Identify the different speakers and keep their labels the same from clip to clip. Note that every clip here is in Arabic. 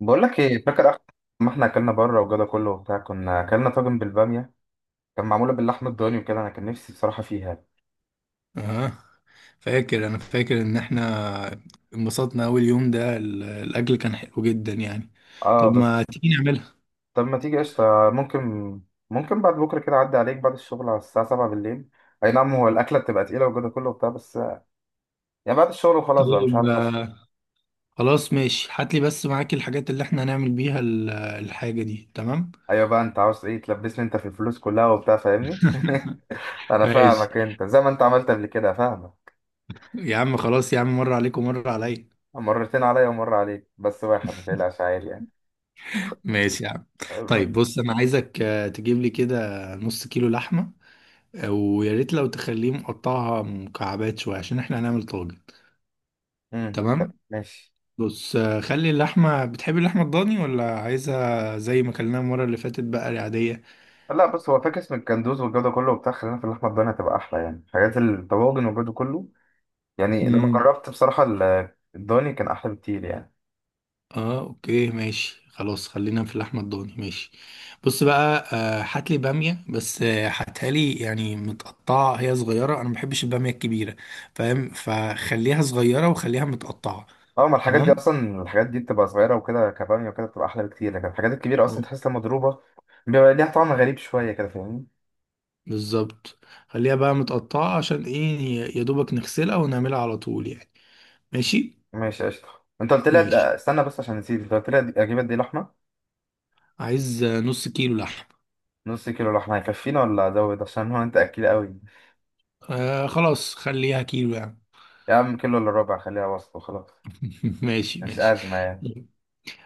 Speaker 1: بقول لك ايه؟ فاكر اخر ما احنا اكلنا بره وجدا كله وبتاع كنا اكلنا طاجن بالباميه؟ كان معموله باللحمه الضاني وكده، انا كان نفسي بصراحه فيها.
Speaker 2: اه. انا فاكر ان احنا انبسطنا اول يوم ده، الاكل كان حلو جدا يعني.
Speaker 1: اه
Speaker 2: طب
Speaker 1: بس
Speaker 2: ما تيجي نعملها.
Speaker 1: طب ما تيجي قشطه. ممكن، ممكن بعد بكره كده اعدي عليك بعد الشغل على الساعه 7 بالليل. اي نعم، هو الاكله بتبقى تقيله وجدا كله وبتاع، بس يعني بعد الشغل وخلاص بقى، مش
Speaker 2: طيب
Speaker 1: عارف اسال.
Speaker 2: خلاص ماشي، هات لي بس معاك الحاجات اللي احنا هنعمل بيها الحاجة دي. تمام.
Speaker 1: ايوه بقى انت عاوز ايه؟ تلبسني انت في الفلوس كلها وبتاع، فاهمني. انا
Speaker 2: ماشي
Speaker 1: فاهمك، انت زي ما انت عملت قبل كده، فاهمك.
Speaker 2: يا عم، خلاص يا عم، مرة عليك ومرة عليا.
Speaker 1: مرتين عليا ومره عليك، بس واحد ما تقلقش عادي يعني.
Speaker 2: ماشي يا عم.
Speaker 1: أم-
Speaker 2: طيب بص، انا عايزك تجيب لي كده نص كيلو لحمة. ويا ريت لو تخليه مقطعها مكعبات شوية عشان احنا هنعمل طاجن.
Speaker 1: أمم، طب
Speaker 2: تمام.
Speaker 1: ماشي.
Speaker 2: بص خلي اللحمة، بتحب اللحمة الضاني ولا عايزها زي ما كلناها المرة اللي فاتت بقى العادية؟
Speaker 1: لا بص، هو فاكس من الكندوز والجو ده كله وبتاع، خلينا في اللحمه الضاني هتبقى احلى يعني، حاجات الطواجن والجو ده كله. يعني لما
Speaker 2: امم.
Speaker 1: جربت بصراحه الضاني كان احلى بكتير يعني.
Speaker 2: اه اوكي ماشي، خلاص خلينا في اللحمة الضاني، ماشي. بص بقى، هات لي بامية بس، هاتها لي يعني متقطعة، هي صغيرة انا ما بحبش البامية الكبيرة، فاهم؟ فخليها صغيرة وخليها متقطعة.
Speaker 1: اه ما الحاجات دي
Speaker 2: تمام.
Speaker 1: اصلا، الحاجات دي بتبقى صغيره وكده كباميه، وكده بتبقى احلى بكتير، لكن الحاجات الكبيره اصلا
Speaker 2: اه.
Speaker 1: تحسها مضروبه. بيبقى ليها طعم غريب شويه كده، فاهمني.
Speaker 2: بالظبط. خليها بقى متقطعة عشان ايه، يا دوبك نغسلها ونعملها على طول يعني. ماشي
Speaker 1: ماشي قشطه. انت قلت لي
Speaker 2: ماشي.
Speaker 1: استنى بس عشان نسيت، انت قلت لي أد- اجيب قد ايه لحمه؟
Speaker 2: عايز نص كيلو لحم.
Speaker 1: نص كيلو لحمه هيكفينا ولا ازود عشان هو انت اكيل قوي؟
Speaker 2: خلاص خليها كيلو يعني.
Speaker 1: يا عم كيلو الا ربع، خليها وسط وخلاص.
Speaker 2: ماشي
Speaker 1: مش
Speaker 2: ماشي.
Speaker 1: ازمه يعني.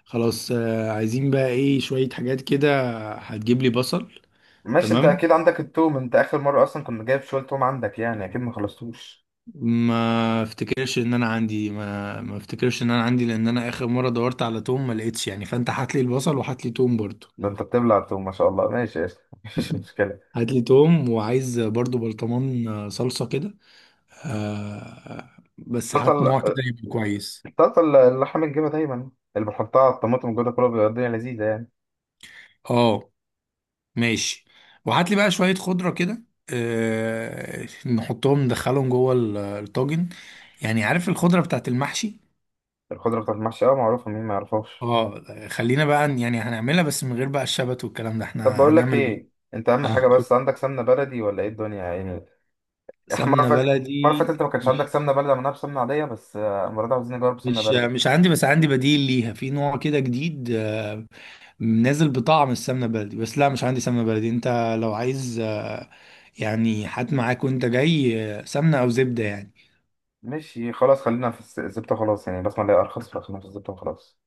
Speaker 2: خلاص عايزين بقى ايه، شوية حاجات كده. هتجيب لي بصل.
Speaker 1: ماشي، انت
Speaker 2: تمام.
Speaker 1: اكيد عندك التوم، انت اخر مره اصلا كنت جايب شويه توم عندك، يعني اكيد ما خلصتوش.
Speaker 2: ما افتكرش ان انا عندي، ما افتكرش ان انا عندي، لان انا اخر مرة دورت على توم ما لقيتش يعني، فانت هات لي البصل وهات لي توم برضو.
Speaker 1: ده انت بتبلع التوم، ما شاء الله، ماشي قشطة. مفيش مشكله.
Speaker 2: هات لي توم، وعايز برضو برطمان صلصة كده، آه بس هات نوع كده
Speaker 1: طاسه،
Speaker 2: يبقى كويس.
Speaker 1: طاسه. اللحم الجبه دايما، اللي بحطها على الطماطم وكده كله، بيبقى الدنيا لذيذه يعني.
Speaker 2: اه ماشي. وهات لي بقى شوية خضرة كده، نحطهم ندخلهم جوه الطاجن، يعني عارف الخضرة بتاعت المحشي.
Speaker 1: الخضره بتاعت المحشي، اه معروفه، مين ما يعرفهاش؟
Speaker 2: اه خلينا بقى، يعني هنعملها بس من غير بقى الشبت والكلام ده،
Speaker 1: طب
Speaker 2: احنا
Speaker 1: بقول لك
Speaker 2: هنعمل.
Speaker 1: ايه، انت اهم حاجه بس
Speaker 2: قول.
Speaker 1: عندك سمنه بلدي ولا ايه الدنيا يعني؟ احنا المره اللي
Speaker 2: سمنة
Speaker 1: فاتت، المره اللي فاتت
Speaker 2: بلدي؟
Speaker 1: انت ما كانش عندك
Speaker 2: مش
Speaker 1: سمنه بلدي، عملناها بسمنه عاديه، بس المره دي عاوزين نجرب سمنه
Speaker 2: مش
Speaker 1: بلدي.
Speaker 2: مش عندي، بس عندي بديل ليها في نوع كده جديد، نازل بطعم السمنة بلدي، بس لا مش عندي سمنة بلدي انت. لو عايز يعني هات معاك وانت جاي سمنة او زبدة يعني.
Speaker 1: ماشي خلاص، خلينا في الزبده خلاص يعني، بسمع اللي هي ارخص، فخلينا في الزبده وخلاص.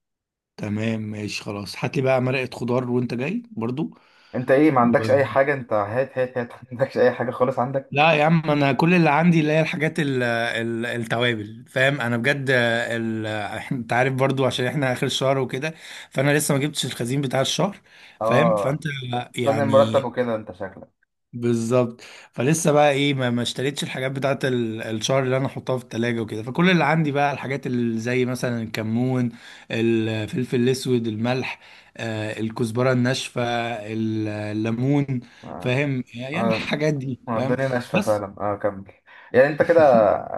Speaker 2: تمام ماشي. خلاص هات لي بقى مرقة خضار وانت جاي برضو.
Speaker 1: انت ايه ما
Speaker 2: و...
Speaker 1: عندكش اي حاجه؟ انت هات هات هات ما عندكش اي حاجه خالص
Speaker 2: لا
Speaker 1: عندك.
Speaker 2: يا عم، انا كل اللي عندي اللي هي الحاجات، التوابل، فاهم؟ انا بجد انت عارف برضو عشان احنا اخر الشهر وكده، فانا لسه ما جبتش الخزين بتاع الشهر، فاهم؟ فانت
Speaker 1: اه. استنى المرتب
Speaker 2: يعني.
Speaker 1: وكده انت شكلك.
Speaker 2: بالظبط. فلسه بقى ايه، ما اشتريتش الحاجات بتاعت الشهر اللي انا احطها في التلاجة وكده، فكل اللي عندي بقى الحاجات اللي زي مثلا الكمون، الفلفل الاسود، الملح، الكزبرة الناشفة، الليمون،
Speaker 1: اه
Speaker 2: فاهم يعني
Speaker 1: اه.
Speaker 2: الحاجات دي،
Speaker 1: اه،
Speaker 2: فاهم؟
Speaker 1: الدنيا ناشفه
Speaker 2: بس.
Speaker 1: فعلا، اه كمل. يعني انت كده،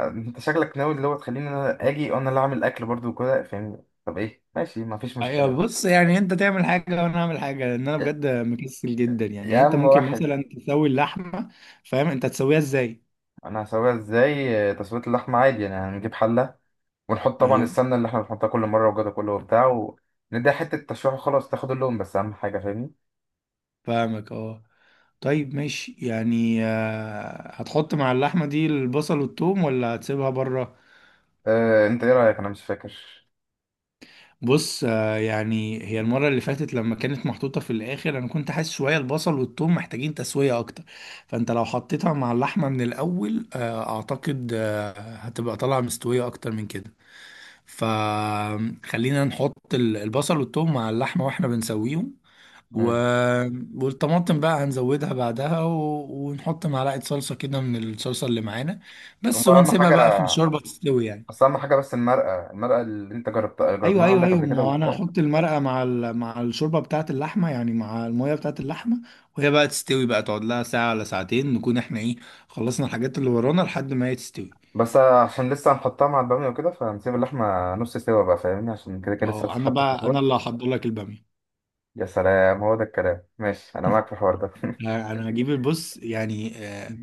Speaker 1: انت شكلك ناوي اللي هو تخليني انا اجي وانا اللي اعمل اكل برضو وكده، فاهمني؟ طب ايه، ماشي ما فيش
Speaker 2: ايوه
Speaker 1: مشكله.
Speaker 2: بص، يعني انت تعمل حاجة وانا اعمل حاجة، لان انا
Speaker 1: يا
Speaker 2: بجد مكسل جدا يعني
Speaker 1: يا
Speaker 2: يعني انت
Speaker 1: عم
Speaker 2: ممكن
Speaker 1: واحد.
Speaker 2: مثلا تسوي اللحمة، فاهم؟ انت تسويها ازاي؟
Speaker 1: انا هسويها ازاي؟ اه، تسويه اللحمه عادي يعني، هنجيب حله، ونحط طبعا
Speaker 2: ايوه
Speaker 1: السمنه اللي احنا بنحطها كل مره وجوده كله وبتاع، ونديها حته تشويح وخلاص تاخد اللون، بس اهم حاجه، فاهمني.
Speaker 2: فاهمك اه. طيب ماشي يعني، هتحط مع اللحمة دي البصل والثوم ولا هتسيبها بره؟
Speaker 1: آه، انت ايه رايك؟ انا مش فاكر.
Speaker 2: بص يعني هي المرة اللي فاتت لما كانت محطوطة في الآخر، أنا كنت حاسس شوية البصل والثوم محتاجين تسوية أكتر. فأنت لو حطيتها مع اللحمة من الأول، أعتقد هتبقى طالعة مستوية أكتر من كده. فخلينا نحط البصل والثوم مع اللحمة وإحنا بنسويهم. و-
Speaker 1: مم.
Speaker 2: والطماطم بقى هنزودها بعدها، ونحط معلقة صلصة كده من الصلصة اللي معانا بس،
Speaker 1: هو اهم
Speaker 2: ونسيبها
Speaker 1: حاجه،
Speaker 2: بقى في الشوربة تستوي يعني.
Speaker 1: بس اهم حاجه المرقه، المرقه اللي انت جربتها،
Speaker 2: ايوه
Speaker 1: جربناها
Speaker 2: ايوه
Speaker 1: عندك
Speaker 2: ايوه،
Speaker 1: قبل
Speaker 2: ما
Speaker 1: كده
Speaker 2: هو انا
Speaker 1: وبتاع.
Speaker 2: هحط المرقه مع مع الشوربه بتاعه اللحمه، يعني مع الميه بتاعه اللحمه، وهي بقى تستوي، بقى تقعد لها ساعه ولا ساعتين، نكون احنا ايه، خلصنا الحاجات اللي ورانا لحد ما هي تستوي.
Speaker 1: بس عشان لسه هنحطها مع الباميه وكده، فهنسيب اللحمه نص سوا بقى، فاهمني، عشان كده كده لسه
Speaker 2: اه. انا
Speaker 1: هتتحط في
Speaker 2: بقى انا
Speaker 1: الفرن.
Speaker 2: اللي هحضر لك الباميه.
Speaker 1: يا سلام، هو ده الكلام، ماشي انا معاك في الحوار ده
Speaker 2: انا هجيب البص يعني،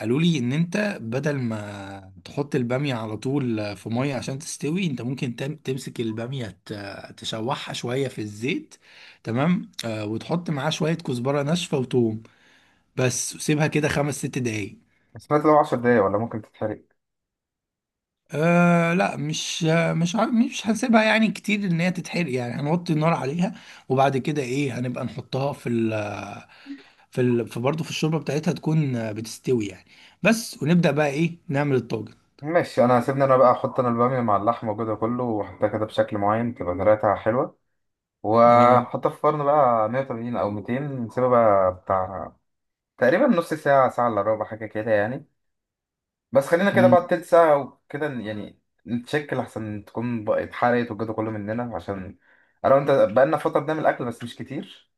Speaker 2: قالوا لي ان انت بدل ما تحط البامية على طول في مية عشان تستوي، انت ممكن تمسك البامية تشوحها شوية في الزيت. تمام. وتحط معاه شوية كزبرة ناشفة وتوم بس، وسيبها كده 5 6 دقايق.
Speaker 1: بس فات لو 10 دقايق ولا ممكن تتحرق.
Speaker 2: لا مش، مش هنسيبها يعني كتير ان هي تتحرق يعني، هنوطي النار عليها. وبعد كده ايه، هنبقى نحطها في ال في ال في برضه في الشوربة بتاعتها، تكون بتستوي يعني. بس، ونبدأ بقى ايه نعمل الطاجن.
Speaker 1: ماشي، انا سيبني انا بقى، احط انا الباميه مع اللحمه وكده كله، واحطها كده بشكل معين تبقى طريقتها حلوه،
Speaker 2: اه.
Speaker 1: وهنحطها في الفرن بقى 180 او 200. نسيبها بقى بتاع، تقريبا نص ساعه، ساعه الا ربع، حاجه كده يعني. بس خلينا كده بعد تلت ساعة وكده يعني نتشكل أحسن تكون بقى اتحرقت والجو ده كله مننا، عشان أنا وأنت بقالنا فترة بنعمل أكل بس مش كتير،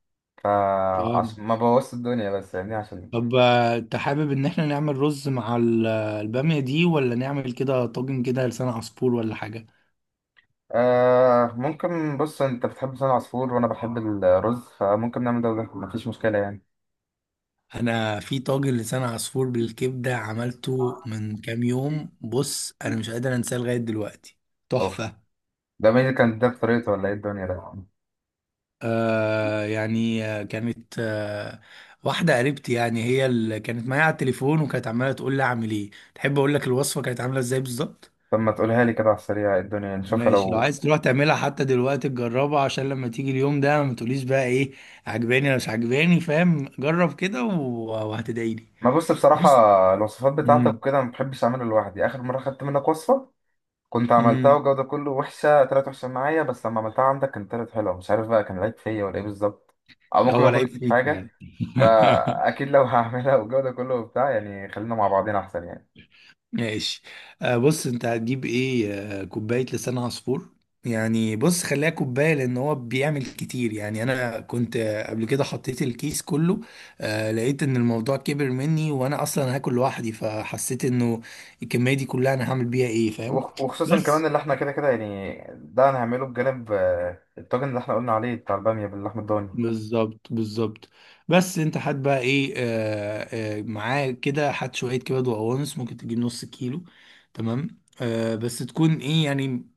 Speaker 2: امم.
Speaker 1: فعشان ما بوظت الدنيا بس يعني، عشان إيه.
Speaker 2: طب انت حابب ان احنا نعمل رز مع البامية دي ولا نعمل كده طاجن كده لسان عصفور ولا حاجة؟
Speaker 1: آه ممكن، بص، أنت بتحب لسان العصفور وأنا بحب الرز، فممكن نعمل ده وده، مفيش مشكلة يعني.
Speaker 2: انا في طاجن لسان عصفور بالكبدة عملته من كام يوم، بص انا مش قادر انساه لغاية دلوقتي،
Speaker 1: أوف،
Speaker 2: تحفة.
Speaker 1: ده مين اللي كان ده بطريقته ولا إيه الدنيا ده؟
Speaker 2: يعني كانت واحدة قريبتي، يعني هي اللي كانت معايا على التليفون، وكانت عمالة تقول لي اعمل ايه، تحب اقول لك الوصفة كانت عاملة ازاي بالظبط؟
Speaker 1: طب ما تقولها لي كده على السريع، إيه الدنيا، نشوفها
Speaker 2: ماشي لو
Speaker 1: لو.
Speaker 2: عايز تروح تعملها حتى دلوقتي تجربها، عشان لما تيجي اليوم ده ما تقوليش بقى ايه عجباني ولا مش عجباني، فاهم؟ جرب كده وهتدعيلي.
Speaker 1: ما بص بصراحة،
Speaker 2: بص.
Speaker 1: الوصفات
Speaker 2: امم
Speaker 1: بتاعتك كده ما بحبش أعمله لوحدي، آخر مرة خدت منك وصفة، كنت عملتها
Speaker 2: امم
Speaker 1: والجو ده كله، وحشة طلعت وحشة معايا، بس لما عملتها عندك كانت طلعت حلوة، مش عارف بقى كان العيب فيا ولا ايه بالظبط. أو ممكن ما
Speaker 2: هو
Speaker 1: أكون
Speaker 2: لعيب
Speaker 1: نسيت
Speaker 2: فيك
Speaker 1: حاجة.
Speaker 2: يعني.
Speaker 1: فأكيد لو هعملها والجو ده كله وبتاع يعني، خلينا مع بعضين أحسن يعني.
Speaker 2: ماشي. بص، انت هتجيب ايه، كوباية لسان عصفور. يعني بص، خليها كوباية لان هو بيعمل كتير يعني، انا كنت قبل كده حطيت الكيس كله، لقيت ان الموضوع كبر مني وانا اصلا هاكل لوحدي، فحسيت انه الكمية دي كلها انا هعمل بيها ايه، فاهم؟
Speaker 1: وخصوصا كمان
Speaker 2: بس.
Speaker 1: اللي احنا كده كده يعني، ده هنعمله بجانب الطاجن اللي احنا قلنا عليه بتاع البامية باللحمة الضاني.
Speaker 2: بالظبط بالظبط. بس انت هات بقى ايه، معاه كده هات شويه كبد وقوانص، ممكن تجيب نص كيلو. تمام. بس تكون ايه يعني،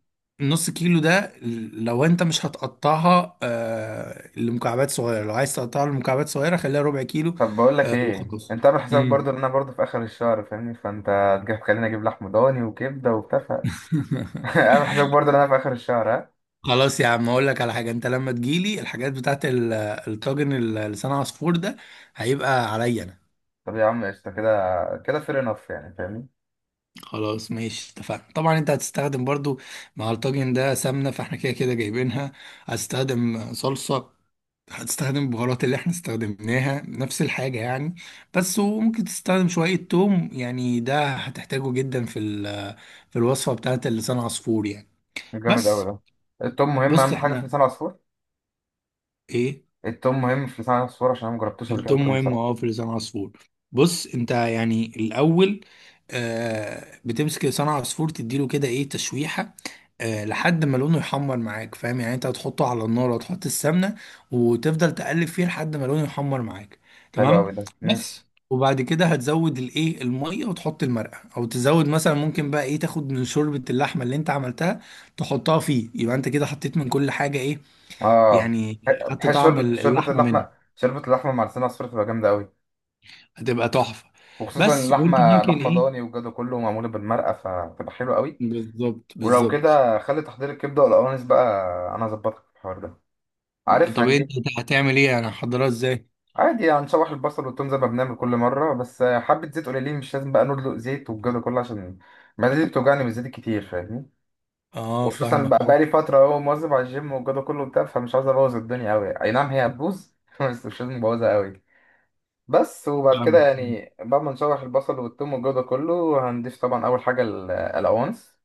Speaker 2: نص كيلو ده لو انت مش هتقطعها لمكعبات صغيره، لو عايز تقطعها لمكعبات صغيره خليها ربع كيلو.
Speaker 1: طب بقول لك ايه،
Speaker 2: وخلاص.
Speaker 1: انت عامل حسابك
Speaker 2: مم.
Speaker 1: برضو ان انا برضو في اخر الشهر، فاهمني، فانت تجي تخليني اجيب لحم ضاني وكبده وبتاع عامل حسابك برضو ان انا في اخر الشهر، ها؟
Speaker 2: خلاص يا عم، اقول لك على حاجه، انت لما تجيلي الحاجات بتاعت الطاجن لسان عصفور ده، هيبقى عليا انا.
Speaker 1: طب يا عم قشطه كده، كده فير انف يعني، فاهمني.
Speaker 2: خلاص ماشي اتفقنا. طبعا انت هتستخدم برضو مع الطاجن ده سمنة، فاحنا كده كده جايبينها. هتستخدم صلصة، هتستخدم البهارات اللي احنا استخدمناها، نفس الحاجة يعني. بس وممكن تستخدم شوية توم، يعني ده هتحتاجه جدا في في الوصفة بتاعت اللسان عصفور يعني.
Speaker 1: جامد أوي
Speaker 2: بس.
Speaker 1: ده. التوم مهم،
Speaker 2: بص
Speaker 1: أهم حاجة في
Speaker 2: احنا
Speaker 1: لسان العصفور.
Speaker 2: ايه،
Speaker 1: التوم مهم في لسان العصفور، عشان أنا مجربتوش قبل كده
Speaker 2: التوم
Speaker 1: التوم
Speaker 2: مهم
Speaker 1: بصراحة.
Speaker 2: اه في لسان عصفور. بص انت يعني الاول، بتمسك لسان عصفور تديله كده ايه، تشويحة، لحد ما لونه يحمر معاك، فاهم؟ يعني انت هتحطه على النار وتحط السمنه، وتفضل تقلب فيه لحد ما لونه يحمر معاك.
Speaker 1: حلو
Speaker 2: تمام.
Speaker 1: أوي ده،
Speaker 2: بس
Speaker 1: ماشي.
Speaker 2: وبعد كده هتزود الايه، الميه، وتحط المرقه، او تزود مثلا ممكن بقى ايه، تاخد من شوربه اللحمه اللي انت عملتها تحطها فيه، يبقى انت كده حطيت من كل حاجه ايه
Speaker 1: آه،
Speaker 2: يعني، خدت
Speaker 1: بحس
Speaker 2: طعم
Speaker 1: شوربة،
Speaker 2: اللحمه منها،
Speaker 1: شوربة اللحمة مع لسان العصفور تبقى جامدة أوي.
Speaker 2: هتبقى تحفه.
Speaker 1: وخصوصا
Speaker 2: بس. وانت
Speaker 1: اللحمة،
Speaker 2: ممكن
Speaker 1: لحمة
Speaker 2: ايه،
Speaker 1: ضاني والجو كله، معمولة بالمرقة فتبقى حلوة أوي.
Speaker 2: بالظبط
Speaker 1: ولو
Speaker 2: بالظبط.
Speaker 1: كده خلي تحضير الكبدة والقوانص بقى، أنا أظبطك في الحوار ده، عارف،
Speaker 2: طب انت
Speaker 1: هنجيب.
Speaker 2: هتعمل ايه يعني، هحضرها ازاي؟
Speaker 1: عادي هنشوح البصل والتوم زي ما بنعمل كل مرة، بس حبة زيت قليلين، مش لازم بقى ندلق زيت والجو ده كله، عشان معدتي بتوجعني بالزيت الكتير، فاهمني.
Speaker 2: اه
Speaker 1: وخصوصا
Speaker 2: فاهمك.
Speaker 1: بقى،
Speaker 2: اه
Speaker 1: لي فترة اهو مواظب على الجيم والجو كله بتاع، فمش عاوز ابوظ الدنيا قوي، اي نعم هي هتبوظ بس مش لازم ابوظها قوي. بس وبعد كده
Speaker 2: فاهمك.
Speaker 1: يعني، بعد ما نشوح البصل والثوم والجو ده كله، هنضيف طبعا اول حاجة القوانص،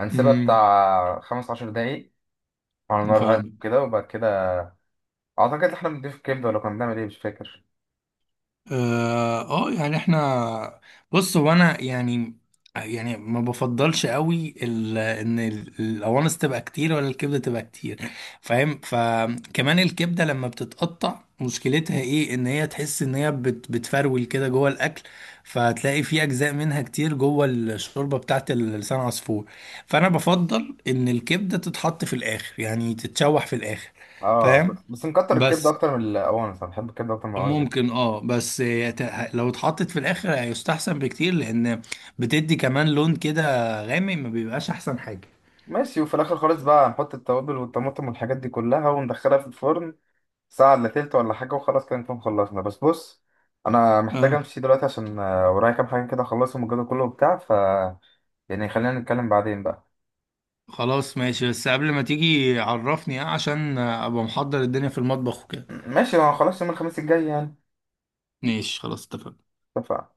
Speaker 1: هنسيبها
Speaker 2: امم
Speaker 1: بتاع 15 دقايق على نار هادية
Speaker 2: فاهم.
Speaker 1: كده، وبعد كده اعتقد احنا بنضيف كبدة ولا كنا بنعمل ايه؟ مش فاكر.
Speaker 2: اه. يعني احنا، بص هو انا يعني، ما بفضلش قوي ان القوانص تبقى كتير ولا الكبده تبقى كتير، فاهم؟ فكمان الكبده لما بتتقطع مشكلتها ايه، ان هي تحس ان هي بتفرول كده جوه الاكل، فهتلاقي في اجزاء منها كتير جوه الشوربه بتاعت لسان عصفور، فانا بفضل ان الكبده تتحط في الاخر، يعني تتشوح في الاخر.
Speaker 1: اه
Speaker 2: فاهم؟
Speaker 1: بس، نكتر الكبدة
Speaker 2: بس.
Speaker 1: اكتر من القوانص، انا بحب الكبدة اكتر من القوانص بكتير.
Speaker 2: ممكن اه، بس لو اتحطت في الاخر هيستحسن بكتير، لان بتدي كمان لون كده غامق، ما بيبقاش احسن حاجة.
Speaker 1: ماشي، وفي الاخر خالص بقى هنحط التوابل والطماطم والحاجات دي كلها، وندخلها في الفرن ساعة إلا تلت ولا حاجة، وخلاص كده نكون خلصنا. بس بص، أنا محتاج
Speaker 2: اه
Speaker 1: أمشي دلوقتي عشان ورايا كام حاجة كده أخلصهم، الجدول كله وبتاع، ف يعني خلينا نتكلم بعدين بقى.
Speaker 2: خلاص ماشي، بس قبل ما تيجي عرفني عشان ابقى محضر الدنيا في المطبخ وكده.
Speaker 1: ماشي ما خلاص، يوم الخميس الجاي يعني.
Speaker 2: ماشي خلاص اتفقنا.
Speaker 1: اتفقنا.